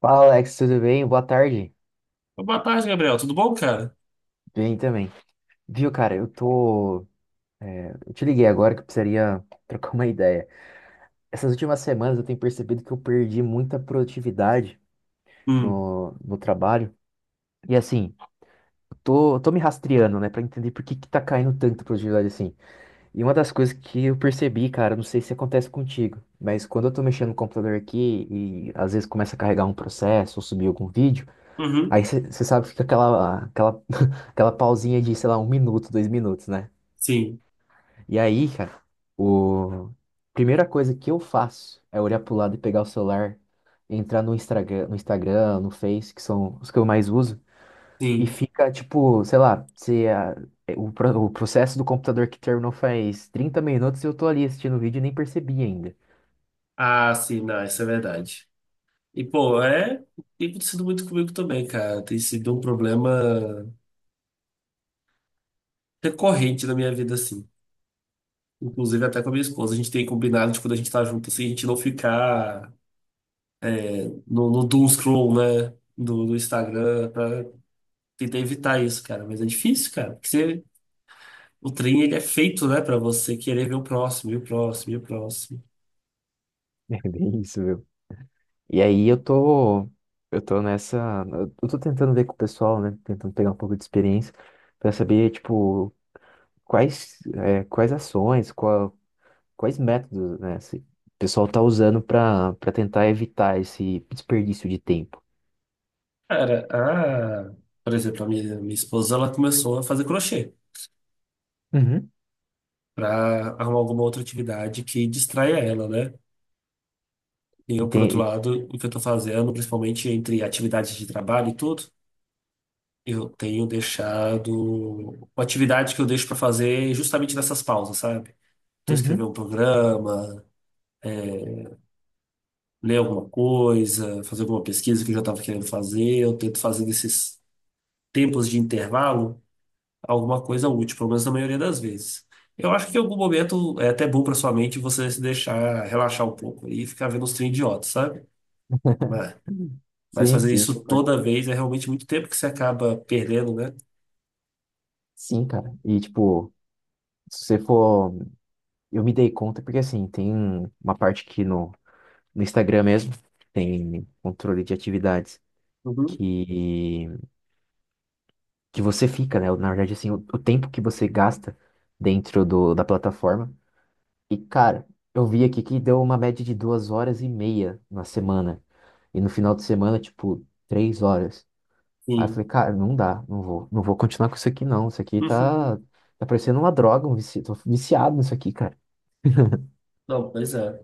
Fala, Alex, tudo bem? Boa tarde. Boa tarde, Gabriel. Tudo bom, cara? Bem também. Viu, cara, eu tô. Eu te liguei agora que eu precisaria trocar uma ideia. Essas últimas semanas eu tenho percebido que eu perdi muita produtividade Hum. no trabalho. E assim, eu tô me rastreando, né, pra entender por que que tá caindo tanta produtividade assim. E uma das coisas que eu percebi, cara, não sei se acontece contigo, mas quando eu tô mexendo no computador aqui e às vezes começa a carregar um processo ou subir algum vídeo. Uhum. Aí você sabe que fica aquela pausinha de, sei lá, um minuto, 2 minutos, né? Sim, E aí, cara, o... primeira coisa que eu faço é olhar pro lado e pegar o celular, entrar no Instagram, no Face, que são os que eu mais uso, e sim. fica, tipo, sei lá, se a- é, o, pro- o processo do computador que terminou faz 30 minutos e eu tô ali assistindo o vídeo e nem percebi ainda. Ah, sim, não, isso é verdade. E, pô, é. Tem acontecido muito comigo também, cara. Tem sido um problema recorrente na minha vida, assim. Inclusive até com a minha esposa. A gente tem combinado de quando a gente tá junto, assim, a gente não ficar no doom scroll, né? Do Instagram, pra tentar evitar isso, cara. Mas é difícil, cara. O trem, ele é feito, né, pra você querer ver o próximo, e o próximo, e o próximo. É bem isso, viu? E aí eu tô nessa, eu tô tentando ver com o pessoal, né? Tentando pegar um pouco de experiência para saber, tipo, quais ações, quais métodos, né? Se o pessoal tá usando para tentar evitar esse desperdício de tempo. Cara, por exemplo, a minha esposa, ela começou a fazer crochê Uhum. para arrumar alguma outra atividade que distraia ela, né? E E eu, por tem, outro e- lado, o que eu tô fazendo, principalmente entre atividades de trabalho e tudo, eu tenho deixado uma atividade que eu deixo para fazer justamente nessas pausas, sabe? Então, escrever uhum, um programa, é, ler alguma coisa, fazer alguma pesquisa que eu já estava querendo fazer, eu tento fazer nesses tempos de intervalo alguma coisa útil, pelo menos na maioria das vezes. Eu acho que em algum momento é até bom para sua mente você se deixar relaxar um pouco e ficar vendo uns trem idiota, sabe? Mas, mas sim, fazer sim, isso concordo. toda vez é realmente muito tempo que você acaba perdendo, né? Sim, cara. E tipo, se você for, eu me dei conta porque assim, tem uma parte aqui no Instagram mesmo, tem controle de atividades Uhum. que que você fica, né? Na verdade, assim, o tempo que você gasta dentro do, da plataforma. E, cara, eu vi aqui que deu uma média de 2h30 na semana. E no final de semana, tipo, 3 horas. Aí eu Sim. falei, cara, não dá, não vou continuar com isso aqui, não. Isso aqui tá, tá parecendo uma droga, tô viciado nisso aqui, cara. Não, pois é.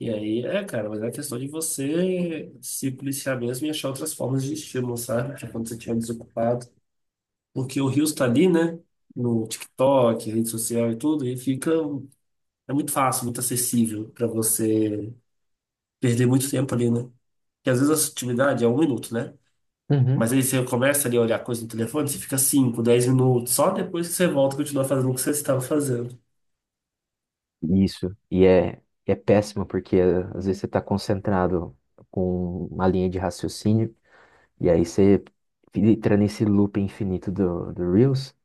E aí, cara, mas é questão de você se policiar mesmo e achar outras formas de estímulo, sabe? Tipo, quando você estiver desocupado. Porque o rio está ali, né? No TikTok, rede social e tudo, e fica. É muito fácil, muito acessível para você perder muito tempo ali, né? Porque às vezes a sutilidade é um minuto, né? Mas Uhum. aí você começa ali a olhar coisa no telefone, você fica 5, 10 minutos, só depois que você volta e continua fazendo o que você estava fazendo. Isso. E é péssimo, porque às vezes você tá concentrado com uma linha de raciocínio. E aí você entra nesse loop infinito do Reels.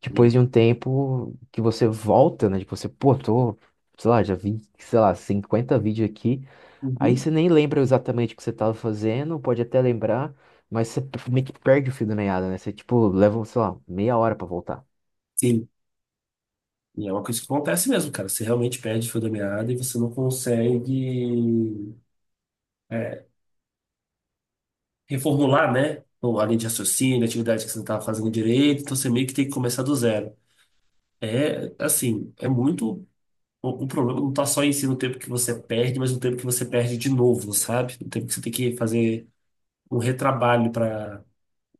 Depois Sim. de um tempo que você volta, né? Tipo, você, pô, tô, sei lá, já vi, sei lá, 50 vídeos aqui. Aí Uhum. você nem lembra exatamente o que você tava fazendo, pode até lembrar, mas você meio que perde o fio da meada, né? Você, tipo, leva, sei lá, meia hora pra voltar. Sim. E é uma coisa que acontece mesmo, cara. Você realmente perde o fio da meada e você não consegue é, reformular, né? Ou a linha de raciocínio, a atividade que você não estava fazendo direito, então você meio que tem que começar do zero. É, assim, é muito. O problema não está só em si no tempo que você perde, mas no tempo que você perde de novo, sabe? No tempo que você tem que fazer um retrabalho para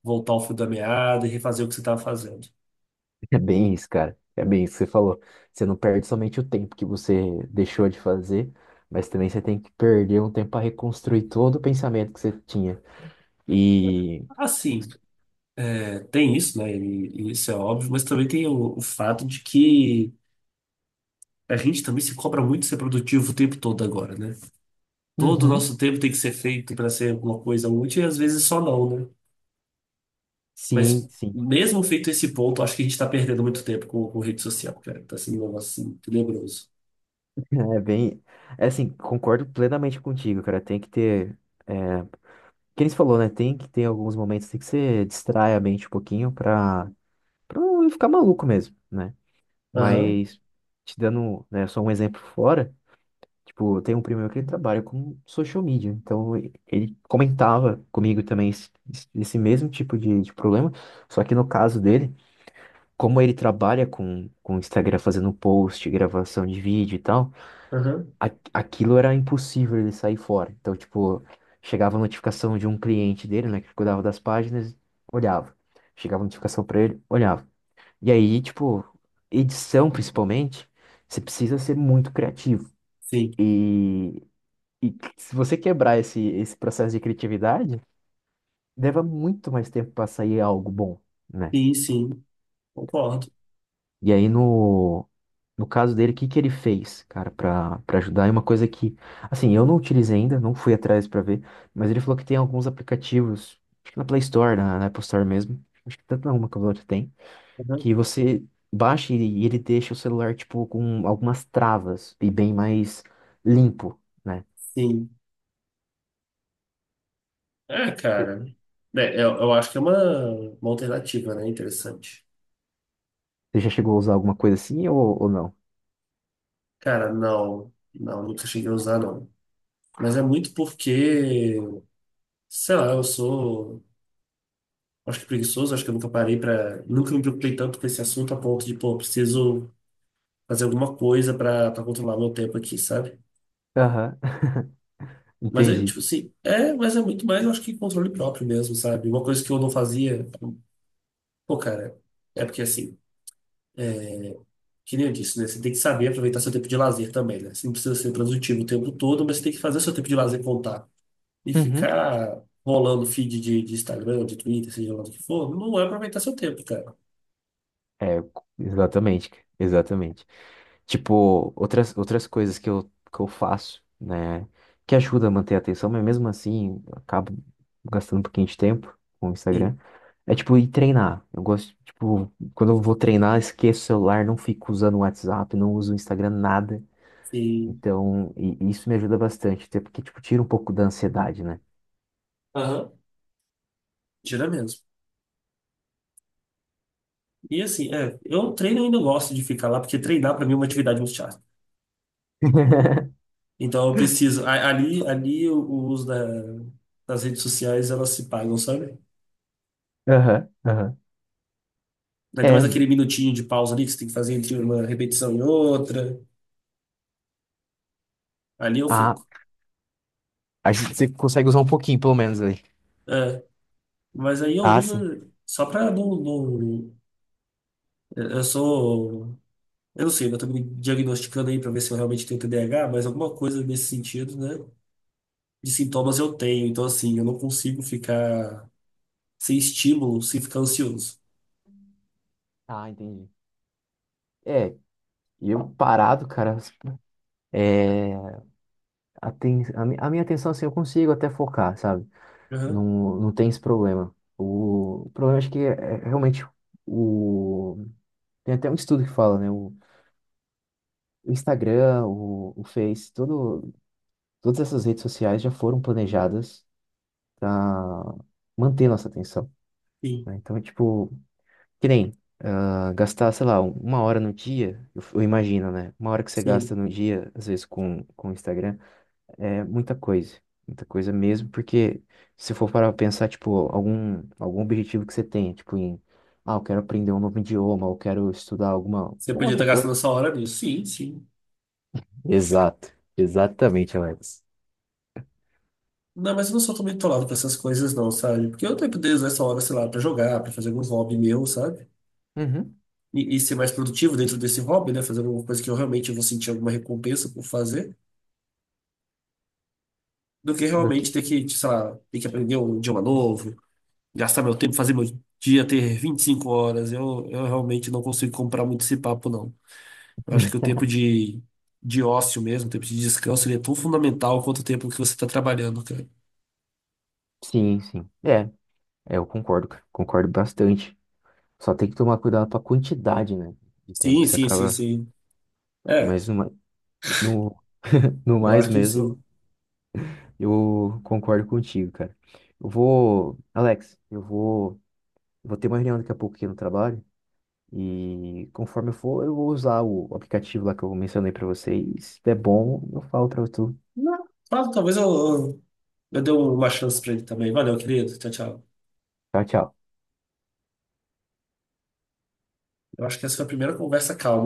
voltar ao fio da meada e refazer o que você estava fazendo. É bem isso, cara. É bem isso que você falou. Você não perde somente o tempo que você deixou de fazer, mas também você tem que perder um tempo para reconstruir todo o pensamento que você tinha. E. Assim, tem isso, né? E isso é óbvio, mas também tem o fato de que a gente também se cobra muito ser produtivo o tempo todo agora, né? Todo o Uhum. nosso tempo tem que ser feito para ser alguma coisa útil e às vezes só não, né? Sim, Mas sim. mesmo feito esse ponto, acho que a gente está perdendo muito tempo com rede social, cara. Tá sendo um negócio assim, tenebroso. É bem. É assim, concordo plenamente contigo, cara. Tem que ter. É, que eles falou, né? Tem que ter alguns momentos tem que você distrai a mente um pouquinho pra não ficar maluco mesmo, né? Aham, Mas, te dando, né, só um exemplo fora, tipo, tem um primo meu que ele trabalha com social media. Então, ele comentava comigo também esse mesmo tipo de problema. Só que no caso dele, como ele trabalha com o Instagram fazendo post, gravação de vídeo e tal. aham, Aquilo era impossível ele sair fora. Então, tipo, chegava a notificação de um cliente dele, né, que cuidava das páginas, olhava. Chegava a notificação pra ele, olhava. E aí, tipo, edição principalmente, você precisa ser muito criativo. sim, E, e se você quebrar esse processo de criatividade, leva muito mais tempo pra sair algo bom, né? sim, sim, concordo. E aí no No caso dele, o que que ele fez, cara, pra para ajudar? É uma coisa que, assim, eu não utilizei ainda, não fui atrás pra ver, mas ele falou que tem alguns aplicativos, acho que na Play Store, na Apple Store mesmo, acho que tanto na uma quanto a outra tem, Aham, que você baixa e ele deixa o celular, tipo, com algumas travas e bem mais limpo, né? sim. É, cara, eu acho que é uma alternativa, né? Interessante. Você já chegou a usar alguma coisa assim ou não? Cara, não, não, nunca cheguei a usar, não. Mas é muito porque, sei lá, eu sou. Acho que preguiçoso, acho que eu nunca parei para, nunca me preocupei tanto com esse assunto a ponto de, pô, preciso fazer alguma coisa para controlar meu tempo aqui, sabe? Aham, Mas é entendi. tipo assim, mas é muito mais, eu acho que controle próprio mesmo, sabe? Uma coisa que eu não fazia, pô, cara, é porque assim, que nem eu disse, né? Você tem que saber aproveitar seu tempo de lazer também, né? Você não precisa ser produtivo o tempo todo, mas você tem que fazer seu tempo de lazer contar. E ficar rolando feed de Instagram, de Twitter, seja lá do que for, não é aproveitar seu tempo, cara. É, exatamente, cara, exatamente. Tipo, outras coisas que eu, faço, né, que ajuda a manter a atenção, mas mesmo assim, eu acabo gastando um pouquinho de tempo com o Sim, Instagram. É tipo ir treinar. Eu gosto, tipo, quando eu vou treinar, esqueço o celular, não fico usando o WhatsApp, não uso o Instagram, nada. sim. Então, e isso me ajuda bastante, até porque, tipo, tira um pouco da ansiedade, né? Aham. Tira mesmo. E assim, eu treino ainda gosto de ficar lá, porque treinar para mim é uma atividade muito chata. Então eu preciso. Ali o uso das redes sociais elas se pagam, sabe? Aham, aham. Ainda mais É, aquele minutinho de pausa ali que você tem que fazer entre uma repetição e outra. Ali eu a, fico. a gente você consegue usar um pouquinho, pelo menos, ali. É, mas aí eu Ah, uso sim. só para não... Eu sou. Eu não sei, eu tô me diagnosticando aí para ver se eu realmente tenho TDAH, mas alguma coisa nesse sentido, né? De sintomas eu tenho. Então, assim, eu não consigo ficar sem estímulo, sem ficar ansioso. Ah, entendi. É, e eu parado, cara, é, a minha atenção, assim, eu consigo até focar, sabe? Aham, Não, não tem esse problema. O problema acho que é realmente o... Tem até um estudo que fala, né? O Instagram, o Face, todas essas redes sociais já foram planejadas para manter nossa atenção, sim, né? Então, é tipo, que nem ah, gastar, sei lá, uma hora no dia, eu imagino, né? Uma hora que você gasta sim. no dia, às vezes, com o Instagram. É muita coisa mesmo, porque se for para pensar, tipo, algum objetivo que você tenha, tipo, em, ah, eu quero aprender um novo idioma, eu quero estudar alguma Você podia estar outra gastando coisa. essa hora nisso. Sim, sim. Exato, exatamente, Alex. Não, mas eu não sou tão bitolado com essas coisas, não, sabe? Porque eu tenho poder usar essa hora, sei lá, pra jogar, pra fazer algum hobby meu, sabe? Uhum. E ser mais produtivo dentro desse hobby, né? Fazer alguma coisa que eu realmente vou sentir alguma recompensa por fazer, do que Do que- realmente ter que, sei lá, ter que aprender um idioma novo, gastar meu tempo, fazer meu dia ter 25 horas. Eu realmente não consigo comprar muito esse papo, não. Eu acho que o tempo de ócio mesmo, o tempo de descanso, ele é tão fundamental quanto o tempo que você está trabalhando. Sim, sim. É, eu concordo, cara, concordo bastante. Só tem que tomar cuidado com a quantidade, né, de tempo Sim, que você sim, sim, acaba, sim. É, mas numa, no, no eu mais acho que mesmo, sim. eu concordo contigo, cara. Eu vou, Alex, eu vou. Vou ter uma reunião daqui a pouco aqui no trabalho. E conforme eu for, eu vou usar o aplicativo lá que eu mencionei pra vocês. Se der bom, eu falo pra tu. Não, tá, talvez eu dê uma chance pra ele também. Valeu, querido. Tchau, tchau. Tchau, tchau. Eu acho que essa foi a primeira conversa calma.